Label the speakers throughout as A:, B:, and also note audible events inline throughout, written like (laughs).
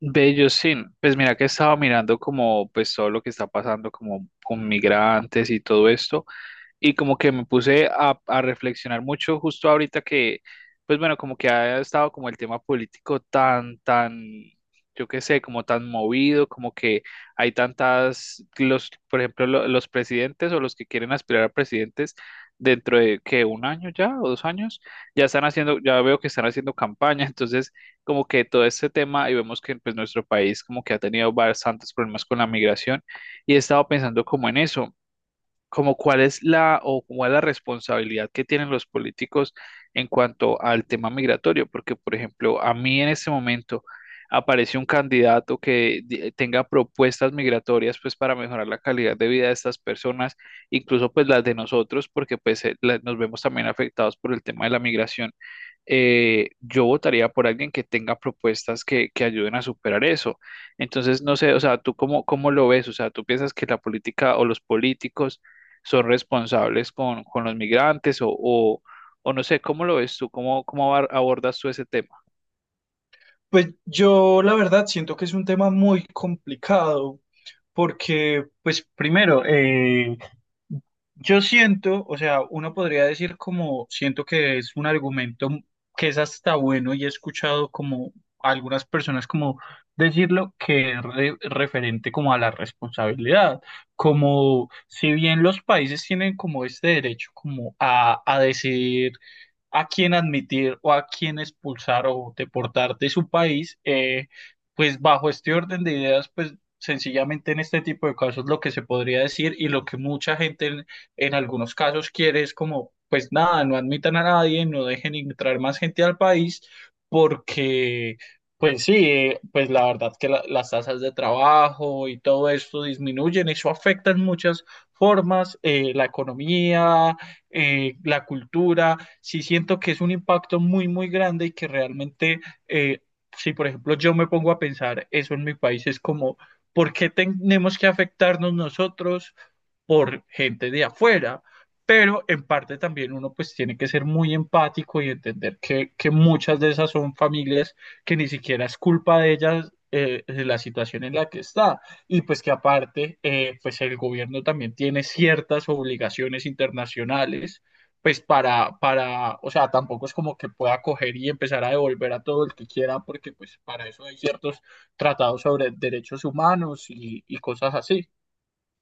A: Bello, sí. Pues mira que estaba mirando, como pues, todo lo que está pasando como con migrantes y todo esto, y como que me puse a reflexionar mucho justo ahorita que, pues bueno, como que ha estado como el tema político tan, yo qué sé, como tan movido, como que hay tantas, los, por ejemplo, los presidentes o los que quieren aspirar a presidentes dentro de que un año ya o dos años, ya están haciendo, ya veo que están haciendo campaña, (laughs) entonces como que todo este tema. Y vemos que pues nuestro país como que ha tenido bastantes problemas con la migración, y he estado pensando como en eso, como cuál es la, o cuál es la responsabilidad que tienen los políticos en cuanto al tema migratorio. Porque, por ejemplo, a mí, en este momento, aparece un candidato que tenga propuestas migratorias pues para mejorar la calidad de vida de estas personas, incluso pues las de nosotros, porque pues nos vemos también afectados por el tema de la migración, yo votaría por alguien que tenga propuestas que ayuden a superar eso. Entonces, no sé, o sea, ¿tú cómo, cómo lo ves? O sea, ¿tú piensas que la política o los políticos son responsables con los migrantes o no sé, ¿cómo lo ves tú? ¿Cómo, abordas tú ese tema?
B: Pues yo la verdad siento que es un tema muy complicado porque, pues primero, yo siento, o sea, uno podría decir como, siento que es un argumento que es hasta bueno y he escuchado como algunas personas como decirlo que es referente como a la responsabilidad, como si bien los países tienen como este derecho como a decidir a quién admitir o a quién expulsar o deportar de su país, pues bajo este orden de ideas, pues sencillamente en este tipo de casos lo que se podría decir y lo que mucha gente en algunos casos quiere es como, pues nada, no admitan a nadie, no dejen entrar más gente al país porque... Pues sí, pues la verdad que las tasas de trabajo y todo esto disminuyen, eso afecta en muchas formas, la economía, la cultura, sí siento que es un impacto muy, muy grande y que realmente, eh, si por ejemplo yo me pongo a pensar eso en mi país, es como, ¿por qué tenemos que afectarnos nosotros por gente de afuera? Pero en parte también uno pues tiene que ser muy empático y entender que muchas de esas son familias que ni siquiera es culpa de ellas de la situación en la que está, y pues que aparte, pues el gobierno también tiene ciertas obligaciones internacionales, pues para, o sea, tampoco es como que pueda coger y empezar a devolver a todo el que quiera, porque pues para eso hay ciertos tratados sobre derechos humanos y cosas así.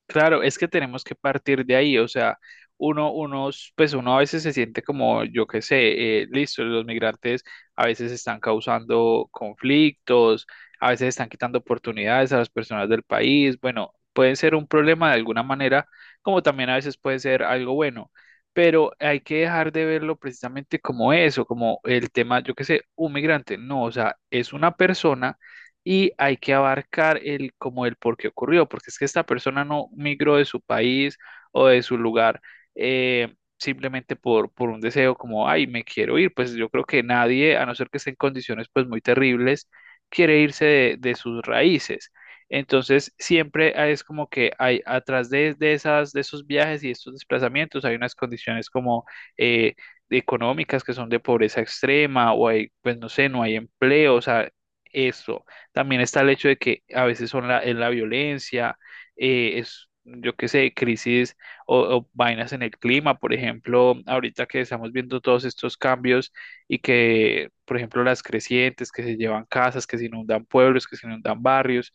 A: Claro, es que tenemos que partir de ahí. O sea, uno, unos, pues uno a veces se siente como, yo qué sé, listo, los migrantes a veces están causando conflictos, a veces están quitando oportunidades a las personas del país, bueno, pueden ser un problema de alguna manera, como también a veces puede ser algo bueno, pero hay que dejar de verlo precisamente como eso, como el tema, yo qué sé, un migrante, no, o sea, es una persona, y hay que abarcar el como el por qué ocurrió, porque es que esta persona no migró de su país o de su lugar simplemente por un deseo como, ay, me quiero ir. Pues yo creo que nadie, a no ser que esté en condiciones pues muy terribles, quiere irse de sus raíces. Entonces, siempre es como que hay atrás de esas, de esos viajes y estos desplazamientos, hay unas condiciones como eh, económicas, que son de pobreza extrema, o hay, pues no sé, no hay empleo, o sea, eso. También está el hecho de que a veces son la, es la violencia, es, yo qué sé, crisis o, vainas en el clima. Por ejemplo, ahorita que estamos viendo todos estos cambios, y que, por ejemplo, las crecientes que se llevan casas, que se inundan pueblos, que se inundan barrios,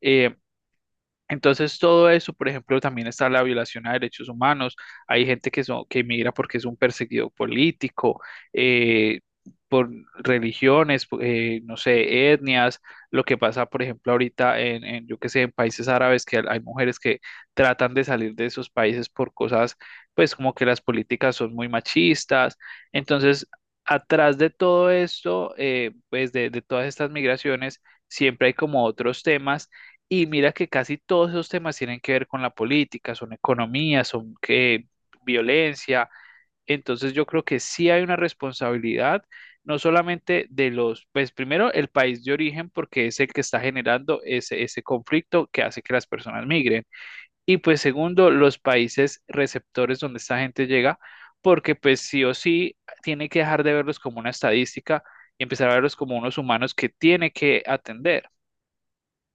A: eh, entonces, todo eso. Por ejemplo, también está la violación a derechos humanos. Hay gente que, son, que migra porque es un perseguido político, eh, por religiones, no sé, etnias. Lo que pasa, por ejemplo, ahorita en, yo qué sé, en países árabes, que hay mujeres que tratan de salir de esos países por cosas, pues como que las políticas son muy machistas. Entonces, atrás de todo esto, pues de todas estas migraciones, siempre hay como otros temas, y mira que casi todos esos temas tienen que ver con la política, son economía, son que violencia. Entonces yo creo que sí hay una responsabilidad, no solamente de los, pues primero el país de origen, porque es el que está generando ese, ese conflicto que hace que las personas migren. Y pues segundo, los países receptores donde esta gente llega, porque pues sí o sí tiene que dejar de verlos como una estadística y empezar a verlos como unos humanos que tiene que atender.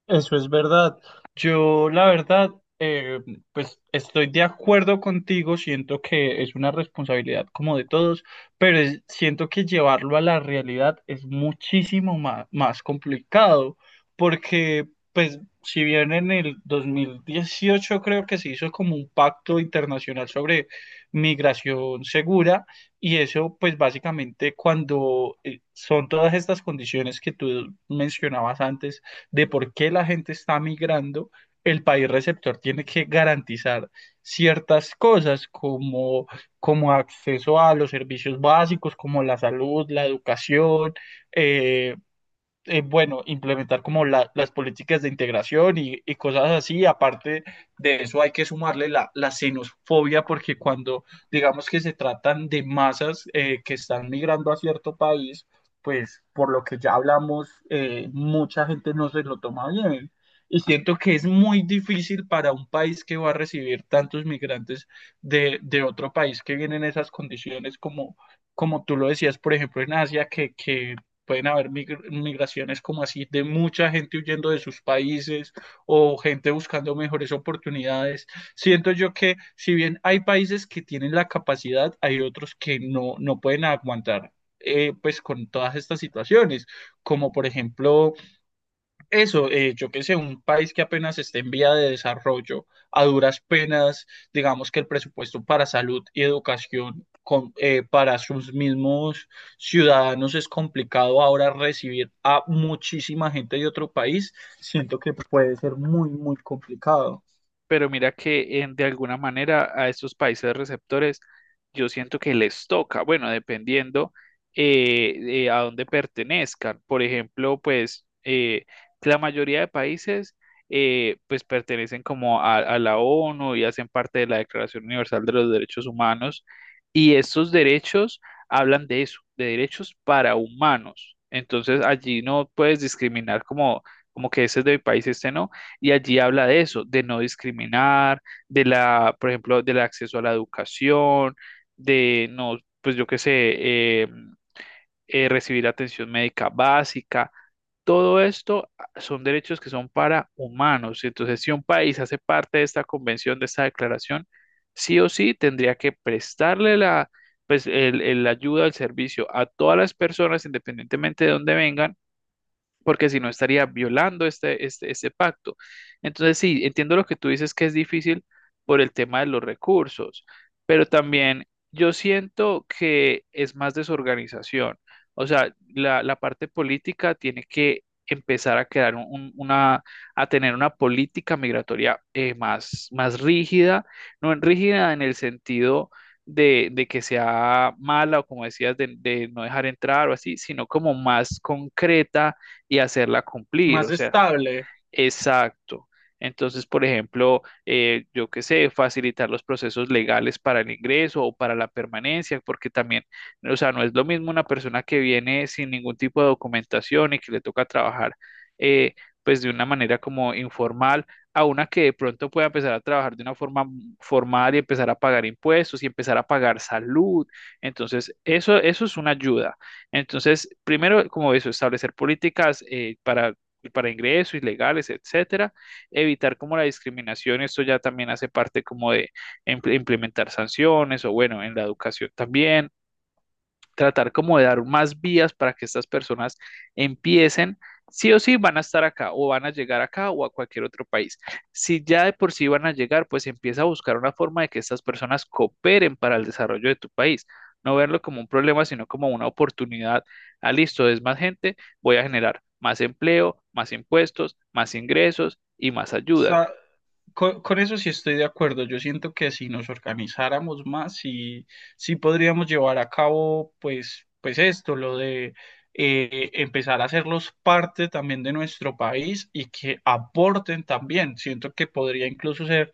B: Eso es verdad. Yo, la verdad, eh, pues estoy de acuerdo contigo, siento que es una responsabilidad como de todos, pero siento que llevarlo a la realidad es muchísimo más complicado, porque pues si bien en el 2018 creo que se hizo como un pacto internacional sobre migración segura, y eso pues básicamente cuando son todas estas condiciones que tú mencionabas antes, de por qué la gente está migrando, el país receptor tiene que garantizar ciertas cosas como, como acceso a los servicios básicos, como la salud, la educación, eh, bueno, implementar como las políticas de integración y cosas así. Aparte de eso, hay que sumarle la xenofobia, porque cuando digamos que se tratan de masas que están migrando a cierto país, pues por lo que ya hablamos, mucha gente no se lo toma bien. Y siento que es muy difícil para un país que va a recibir tantos migrantes de otro país que vienen en esas condiciones como, como tú lo decías, por ejemplo, en Asia, que pueden haber migraciones como así de mucha gente huyendo de sus países o gente buscando mejores oportunidades. Siento yo que si bien hay países que tienen la capacidad, hay otros que no, no pueden aguantar pues con todas estas situaciones, como por ejemplo eso, yo qué sé, un país que apenas esté en vía de desarrollo, a duras penas, digamos que el presupuesto para salud y educación para sus mismos ciudadanos es complicado ahora recibir a muchísima gente de otro país, siento que puede ser muy, muy complicado.
A: Pero mira que de alguna manera a estos países receptores yo siento que les toca, bueno, dependiendo a dónde pertenezcan. Por ejemplo, pues la mayoría de países pues pertenecen como a la ONU, y hacen parte de la Declaración Universal de los Derechos Humanos, y estos derechos hablan de eso, de derechos para humanos. Entonces allí no puedes discriminar como, como que ese es de mi país, este no. Y allí habla de eso, de no discriminar, de la, por ejemplo, del acceso a la educación, de no, pues yo qué sé, recibir atención médica básica. Todo esto ah, son derechos que son para humanos. Entonces, si un país hace parte de esta convención, de esta declaración, sí o sí tendría que prestarle la, pues, el ayuda, el servicio a todas las personas, independientemente de dónde vengan, porque si no estaría violando este, este, este pacto. Entonces, sí, entiendo lo que tú dices, que es difícil por el tema de los recursos, pero también yo siento que es más desorganización. O sea, la parte política tiene que empezar a crear una, a tener una política migratoria más, más rígida. No en rígida en el sentido de que sea mala, o como decías, de no dejar entrar o así, sino como más concreta, y hacerla cumplir.
B: Más
A: O sea,
B: estable,
A: exacto. Entonces, por ejemplo, yo qué sé, facilitar los procesos legales para el ingreso o para la permanencia, porque también, o sea, no es lo mismo una persona que viene sin ningún tipo de documentación y que le toca trabajar, eh, pues de una manera como informal, a una que de pronto pueda empezar a trabajar de una forma formal y empezar a pagar impuestos y empezar a pagar salud. Entonces, eso es una ayuda. Entonces, primero, como eso, establecer políticas para ingresos, ilegales, etcétera. Evitar como la discriminación, esto ya también hace parte como de implementar sanciones, o bueno, en la educación también, tratar como de dar más vías para que estas personas empiecen, sí o sí van a estar acá, o van a llegar acá o a cualquier otro país. Si ya de por sí van a llegar, pues empieza a buscar una forma de que estas personas cooperen para el desarrollo de tu país. No verlo como un problema, sino como una oportunidad. Ah, listo, es más gente, voy a generar más empleo, más impuestos, más ingresos y más ayudas.
B: sa- con eso sí estoy de acuerdo. Yo siento que si nos organizáramos más, sí, sí podríamos llevar a cabo, pues, pues esto, lo de empezar a hacerlos parte también de nuestro país y que aporten también. Siento que podría incluso ser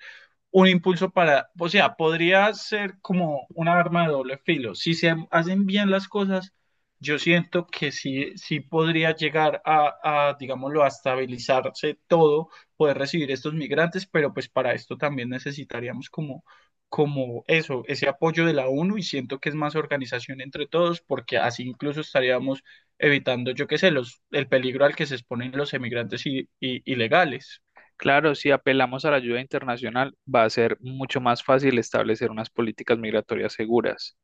B: un impulso para, o sea, podría ser como una arma de doble filo. Si se hacen bien las cosas, yo siento que sí, sí podría llegar a, digámoslo, a estabilizarse todo, poder recibir estos migrantes, pero pues para esto también necesitaríamos como, como eso, ese apoyo de la ONU y siento que es más organización entre todos, porque así incluso estaríamos evitando, yo qué sé, los, el peligro al que se exponen los emigrantes ilegales.
A: Claro, si apelamos a la ayuda internacional, va a ser mucho más fácil establecer unas políticas migratorias seguras.